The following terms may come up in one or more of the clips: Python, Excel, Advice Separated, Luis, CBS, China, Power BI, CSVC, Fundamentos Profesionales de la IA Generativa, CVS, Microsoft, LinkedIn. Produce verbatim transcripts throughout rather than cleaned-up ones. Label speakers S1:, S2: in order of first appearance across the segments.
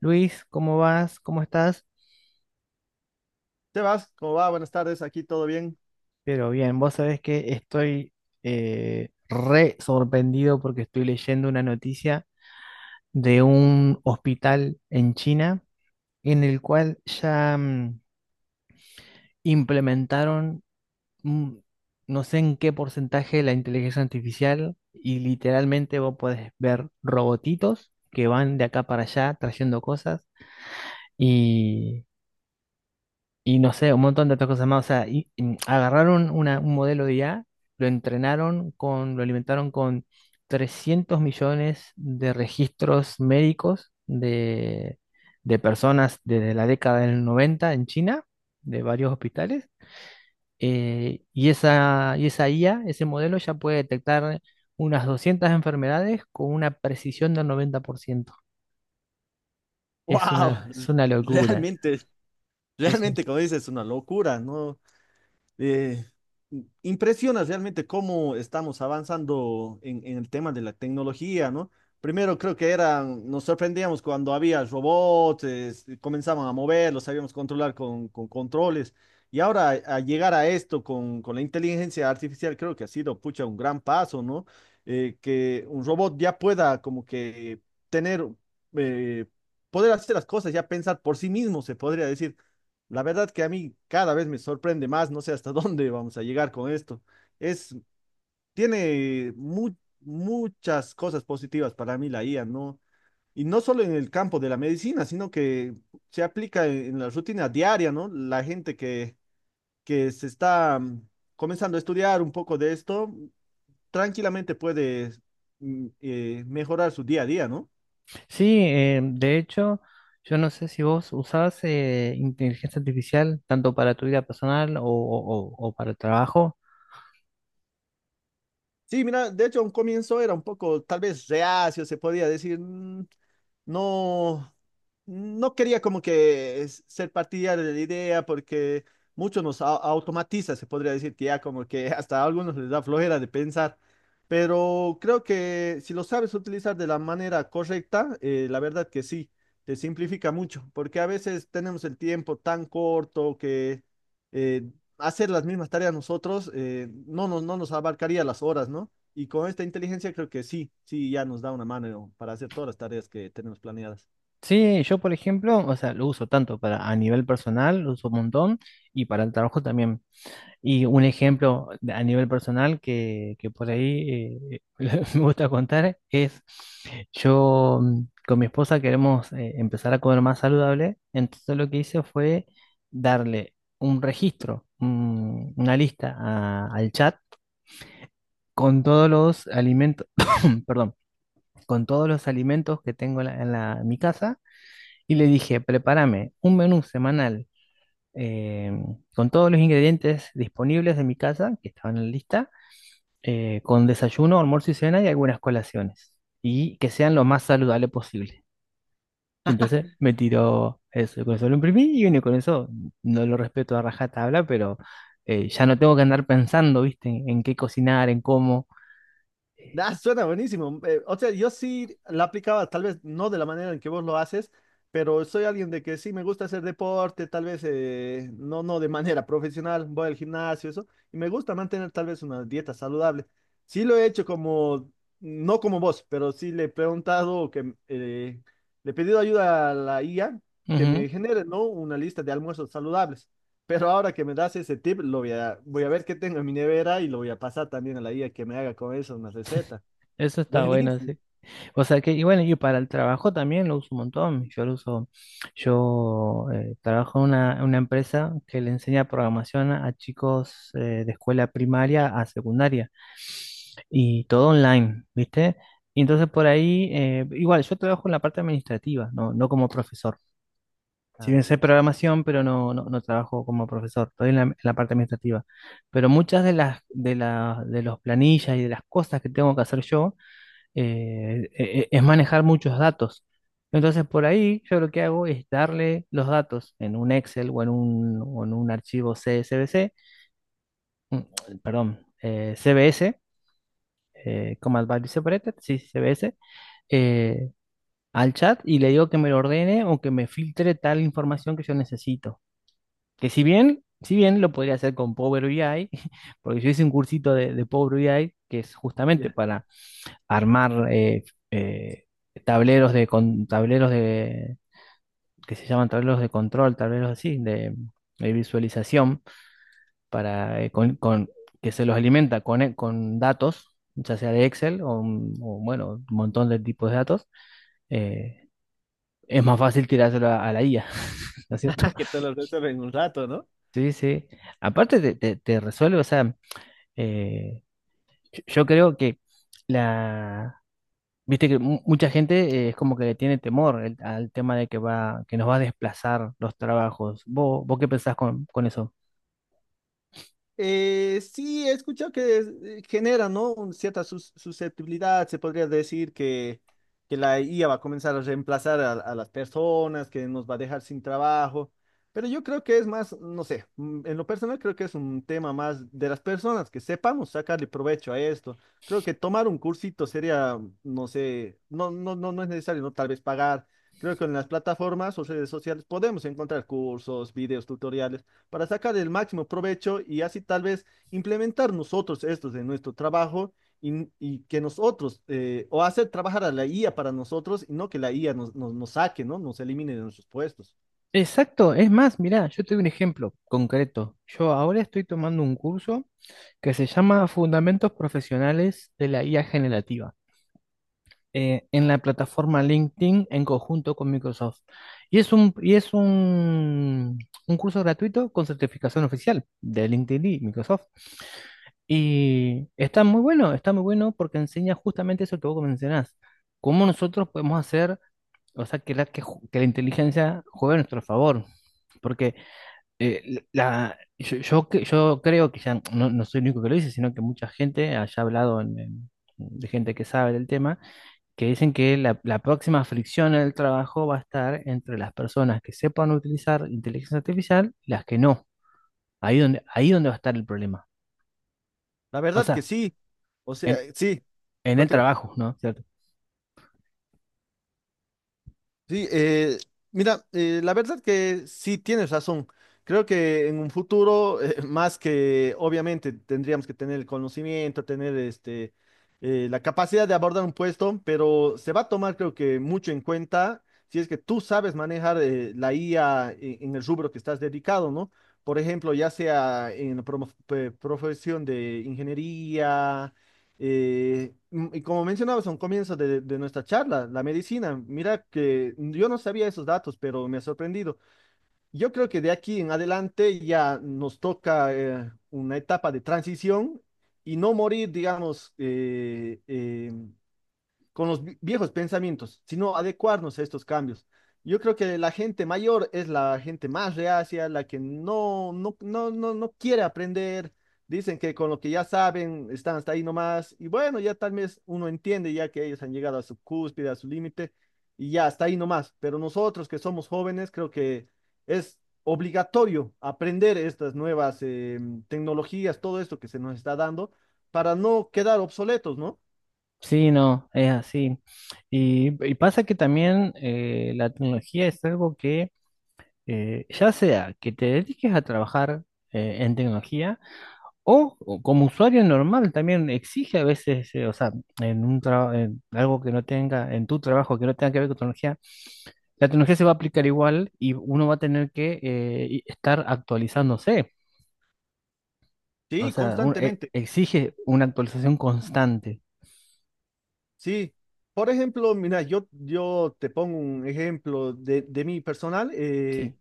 S1: Luis, ¿cómo vas? ¿Cómo estás?
S2: Sebas, ¿cómo va? Buenas tardes, aquí todo bien.
S1: Pero bien, vos sabés que estoy eh, re sorprendido porque estoy leyendo una noticia de un hospital en China en el cual ya mm, implementaron mm, no sé en qué porcentaje la inteligencia artificial y literalmente vos podés ver robotitos que van de acá para allá trayendo cosas. Y Y no sé, un montón de otras cosas más. O sea, y, y agarraron una- un modelo de I A, lo entrenaron con, lo alimentaron con trescientos millones de registros médicos de, de personas desde la década del noventa en China, de varios hospitales. Eh, y esa, y esa I A, ese modelo ya puede detectar unas doscientas enfermedades con una precisión del noventa por ciento.
S2: ¡Wow!
S1: Es una, es una locura.
S2: Realmente, realmente, como dices, es una locura, ¿no? Eh, Impresiona realmente cómo estamos avanzando en, en el tema de la tecnología, ¿no? Primero creo que eran, nos sorprendíamos cuando había robots, es- comenzaban a mover, los sabíamos controlar con, con controles. Y ahora a llegar a esto con, con la inteligencia artificial creo que ha sido, pucha, un gran paso, ¿no? Eh, que un robot ya pueda como que tener, eh, poder hacer las cosas, ya pensar por sí mismo, se podría decir. La verdad que a mí cada vez me sorprende más, no sé hasta dónde vamos a llegar con esto. Es, tiene mu- muchas cosas positivas para mí la I A, ¿no? Y no solo en el campo de la medicina, sino que se aplica en, en la rutina diaria, ¿no? La gente que, que se está mm, comenzando a estudiar un poco de esto, tranquilamente puede mm, eh, mejorar su día a día, ¿no?
S1: Sí, eh, de hecho, yo no sé si vos usabas eh, inteligencia artificial tanto para tu vida personal o, o- o- o para el trabajo.
S2: Sí, mira, de hecho, a un comienzo era un poco, tal vez reacio, se podía decir, "Mm, no. No quería como que es- ser partidario de la idea porque muchos nos au- automatiza, se podría decir que ya como que hasta a algunos les da flojera de pensar, pero creo que si lo sabes utilizar de la manera correcta, eh, la verdad que sí, te simplifica mucho, porque a veces tenemos el tiempo tan corto que eh, hacer las mismas tareas nosotros eh, no nos, no nos abarcaría las horas, ¿no? Y con esta inteligencia creo que sí, sí, ya nos da una mano para hacer todas las tareas que tenemos planeadas.
S1: Sí, yo por ejemplo, o sea, lo uso tanto para a nivel personal, lo uso un montón, y para el trabajo también. Y un ejemplo de- a nivel personal que, que por ahí eh, me gusta contar es yo mm, con mi esposa queremos eh, empezar a comer más saludable, entonces lo que hice fue darle un registro, un- una lista a- al chat con todos los alimentos, perdón, con todos los alimentos que tengo en, la- en la- en mi casa y le dije, prepárame un menú semanal eh, con todos los ingredientes disponibles de mi casa que estaban en la lista, eh, con desayuno, almuerzo y cena y algunas colaciones. Y que sean lo más saludable posible. Y entonces me tiró eso, y con eso lo imprimí y bueno, y con eso no lo respeto a rajatabla, pero eh, ya no tengo que andar pensando, ¿viste? En, en qué cocinar, en cómo.
S2: Ah, suena buenísimo. Eh, o sea, yo sí la aplicaba, tal vez no de la manera en que vos lo haces, pero soy alguien de que sí me gusta hacer deporte, tal vez eh, no, no de manera profesional, voy al gimnasio, eso, y me gusta mantener tal vez una dieta saludable. Sí lo he hecho como, no como vos, pero sí le he preguntado, que eh, le he pedido ayuda a la I A que
S1: Ujú.
S2: me genere, ¿no? Una lista de almuerzos saludables. Pero ahora que me das ese tip, lo voy a, voy a ver qué tengo en mi nevera y lo voy a pasar también a la I A que me haga con eso una receta.
S1: Eso está bueno,
S2: Buenísimo.
S1: sí. O sea que, y bueno, y para el trabajo también lo uso un montón. Yo lo uso, yo eh, trabajo en una, en una empresa que le enseña programación a, a chicos eh, de escuela primaria a secundaria. Y todo online, ¿viste? Y entonces por ahí, eh, igual, yo trabajo en la parte administrativa, no, no como profesor.
S2: Ay,
S1: Si bien sé
S2: ay, ay.
S1: programación, pero no, no, no trabajo como profesor, estoy en la, en la parte administrativa. Pero muchas de las de la- de los planillas y de las cosas que tengo que hacer yo, eh, e- e- es manejar muchos datos. Entonces por ahí yo lo que hago es darle los datos en un Excel o en un, o en un archivo C S V C, mm, perdón, eh, C V S, eh, como Advice Separated, sí, C B S, eh, al chat y le digo que me lo ordene o que me filtre tal información que yo necesito. Que si bien, si bien lo podría hacer con Power B I, porque yo hice un cursito de, de Power B I, que es justamente
S2: Ya,
S1: para armar eh, eh, tableros de con, tableros de, que se llaman tableros de control, tableros así de, de visualización para, eh, con, con- que se los alimenta con, eh, con datos, ya sea de Excel o, un- o, bueno, un montón de tipos de datos, eh, es más fácil tirárselo a, a la I A, ¿no es cierto?
S2: que te lo resuelva en un rato, ¿no?
S1: Sí, sí. Aparte te, te- te resuelve, o sea, eh, yo yo creo que la... Viste que mu- mucha gente eh, es como que le tiene temor el- al tema de que va, que nos va a desplazar los trabajos. ¿Vos, vos qué pensás con, con eso?
S2: Eh, sí, he escuchado que eh, genera, ¿no? Un- cierta sus- susceptibilidad, se podría decir que, que la I A va a comenzar a reemplazar a, a las personas, que nos va a dejar sin trabajo, pero yo creo que es más, no sé, mm, en lo personal creo que es un tema más de las personas, que sepamos sacarle provecho a esto. Creo que tomar un cursito sería, no sé, no, no, no, no es necesario, ¿no? Tal vez pagar. Creo que en las plataformas o redes sociales podemos encontrar cursos, videos, tutoriales para sacar el máximo provecho y así tal vez implementar nosotros estos en nuestro trabajo y, y que nosotros, eh, o hacer trabajar a la I A para nosotros y no que la I A nos, nos, nos saque, ¿no? Nos elimine de nuestros puestos.
S1: Exacto, es más, mirá, yo te doy un ejemplo concreto. Yo ahora estoy tomando un curso que se llama Fundamentos Profesionales de la I A Generativa, eh, en la plataforma LinkedIn en conjunto con Microsoft. Y es un, y es un, un curso gratuito con certificación oficial de LinkedIn y Microsoft. Y está muy bueno, está muy bueno porque enseña justamente eso que vos mencionás, cómo nosotros podemos hacer, o sea, que la, que, ju- que la inteligencia juegue a nuestro favor. Porque eh, la, yo, yo, cre- yo creo que ya no, no soy el único que lo dice, sino que mucha gente haya hablado en- en- de gente que sabe del tema, que dicen que la, la próxima fricción en el trabajo va a estar entre las personas que sepan utilizar inteligencia artificial y las que no. Ahí donde, ahí donde va a estar el problema.
S2: La
S1: O
S2: verdad que
S1: sea,
S2: sí. O sea,
S1: en,
S2: sí.
S1: en el
S2: Continúa.
S1: trabajo, ¿no? ¿Cierto?
S2: Sí, eh, mira, eh, la verdad que sí tienes razón. Creo que en un futuro, eh, más que obviamente tendríamos que tener el conocimiento, tener este, eh, la capacidad de abordar un puesto, pero se va a tomar creo que mucho en cuenta si es que tú sabes manejar eh, la I A e- en el rubro que estás dedicado, ¿no? Por ejemplo, ya sea en la promo- pe- profesión de ingeniería eh, mm, y como mencionabas a un comienzo de, de nuestra charla, la medicina, mira que yo no sabía esos datos, pero me ha sorprendido. Yo creo que de aquí en adelante ya nos toca eh, una etapa de transición y no morir, digamos, eh, eh, con los vi- viejos pensamientos, sino adecuarnos a estos cambios. Yo creo que la gente mayor es la gente más reacia, la que no, no, no, no, no quiere aprender. Dicen que con lo que ya saben están hasta ahí nomás. Y bueno, ya tal vez uno entiende ya que ellos han llegado a su cúspide, a su límite, y ya hasta ahí nomás. Pero nosotros que somos jóvenes, creo que es obligatorio aprender estas nuevas em, tecnologías, todo esto que se nos está dando, para no quedar obsoletos, ¿no?
S1: Sí, no, es así. Y, y pasa que también eh, la tecnología es algo que, eh, ya sea que te dediques a trabajar eh, en tecnología, O, o como usuario normal también exige a veces, eh, o sea, en un trabajo, en algo que no tenga, en tu trabajo que no tenga que ver con tecnología, la tecnología se va a aplicar igual y uno va a tener que eh, y- estar actualizándose. O
S2: Sí,
S1: sea, un- e-
S2: constantemente.
S1: exige una actualización constante.
S2: Sí, por ejemplo, mira, yo, yo te pongo un ejemplo de, de mi personal.
S1: Sí.
S2: eh,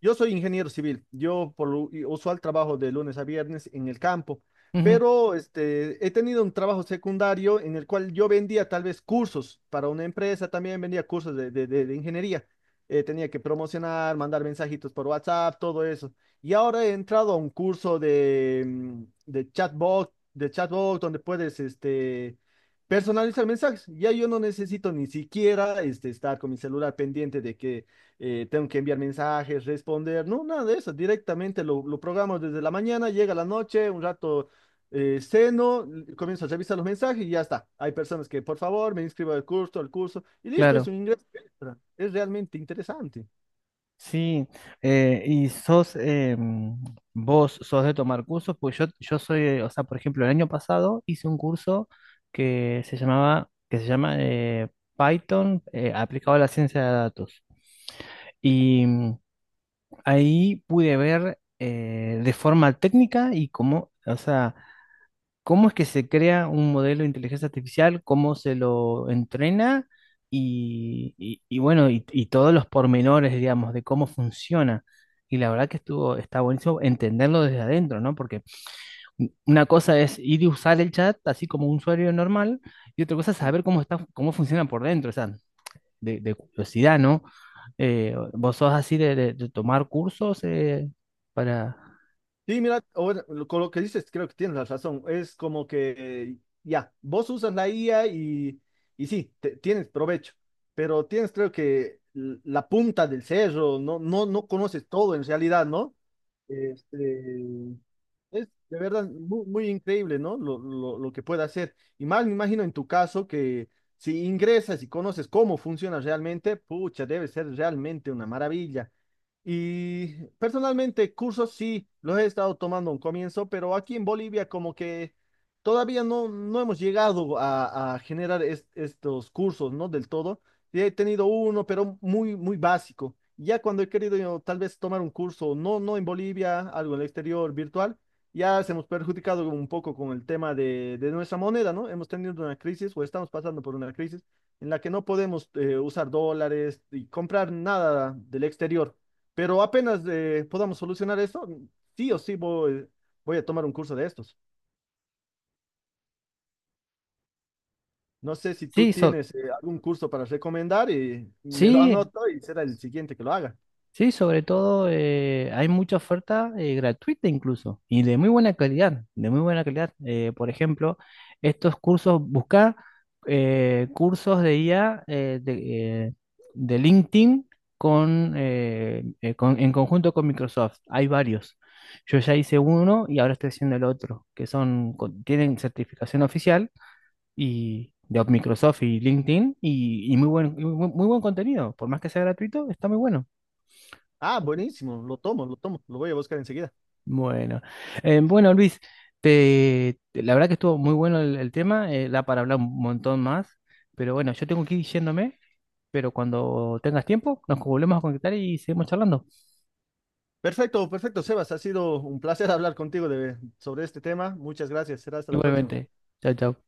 S2: Yo soy ingeniero civil. Yo por lo i- usual trabajo de lunes a viernes en el campo,
S1: Ujú,
S2: pero este, he tenido un trabajo secundario en el cual yo vendía tal vez cursos para una empresa, también vendía cursos de, de- de- de ingeniería. Eh, tenía que promocionar, mandar mensajitos por WhatsApp, todo eso. Y ahora he entrado a un curso de, mm, de chatbot, de chatbot donde puedes, este, personalizar mensajes. Ya yo no necesito ni siquiera este, estar con mi celular pendiente de que eh, tengo que enviar mensajes, responder, no, nada de eso. Directamente lo, lo programo desde la mañana, llega la noche, un rato eh, ceno, l- comienzo a revisar los mensajes y ya está. Hay personas que, por favor, me inscribo al curso, al curso, y listo, es
S1: claro.
S2: un ingreso extra. Es realmente interesante.
S1: Sí, eh, y sos, eh, mm, vos sos de tomar cursos, pues yo, yo soy, eh, o sea, por ejemplo, el año pasado hice un curso que se llamaba, que se llama eh, Python eh, aplicado a la ciencia de datos. Y mm, ahí pude ver eh, de forma técnica y cómo, o sea, ¿cómo es que se crea un modelo de inteligencia artificial? ¿Cómo se lo entrena? Y, y- y bueno, y, y todos los pormenores, digamos, de cómo funciona. Y la verdad que estuvo, está buenísimo entenderlo desde adentro, ¿no? Porque u- una cosa es ir y usar el chat así como un usuario normal, y otra cosa es saber cómo está, cómo funciona por dentro, o sea, de, de curiosidad, ¿no? Eh, ¿vos sos así de, de- de tomar cursos eh, para...
S2: Sí, mira, o bueno, lo- con lo que dices, creo que tienes la razón. Es como que eh, ya, vos usas la I A y, y sí, te- tienes provecho, pero tienes creo que l- la punta del cerro, no, no, no conoces todo en realidad, ¿no? Este, es de verdad mu- muy increíble, ¿no? Lo, lo, lo que puede hacer. Y más me imagino en tu caso que si ingresas y conoces cómo funciona realmente, pucha, debe ser realmente una maravilla. Y personalmente, cursos sí, los he estado tomando a un comienzo, pero aquí en Bolivia como que todavía no, no hemos llegado a, a generar es- estos cursos, ¿no? Del todo. Sí, he tenido uno, pero muy, muy básico. Ya cuando he querido yo, tal vez tomar un curso, no, no en Bolivia, algo en el exterior, virtual. Ya se hemos perjudicado un poco con el tema de, de nuestra moneda, ¿no? Hemos tenido una crisis o estamos pasando por una crisis en la que no podemos eh, usar dólares y comprar nada del exterior. Pero apenas eh, podamos solucionar esto, sí o sí voy, voy a tomar un curso de estos. No sé si tú
S1: Sí, so-
S2: tienes eh, algún curso para recomendar y me lo
S1: sí.
S2: anoto y será el siguiente que lo haga.
S1: Sí, sobre todo eh, hay mucha oferta eh, gratuita incluso y de muy buena calidad, de muy buena calidad. Eh, por ejemplo, estos cursos, buscar eh, cursos de I A eh, de, eh, de LinkedIn con, eh, eh, con- en conjunto con Microsoft. Hay varios. Yo ya hice uno y ahora estoy haciendo el otro, que son, con- tienen certificación oficial y de Microsoft y LinkedIn y, y muy buen, muy muy buen contenido. Por más que sea gratuito, está muy bueno.
S2: Ah, buenísimo, lo tomo, lo tomo, lo voy a buscar enseguida.
S1: Bueno, Eh, bueno, Luis, te, te- la verdad que estuvo muy bueno el, el tema, eh, da para hablar un montón más, pero bueno, yo tengo que ir yéndome, pero cuando tengas tiempo nos volvemos a conectar y seguimos charlando.
S2: Perfecto, perfecto, Sebas. Ha sido un placer hablar contigo de, sobre este tema. Muchas gracias. Será hasta la próxima.
S1: Igualmente, chao, chao.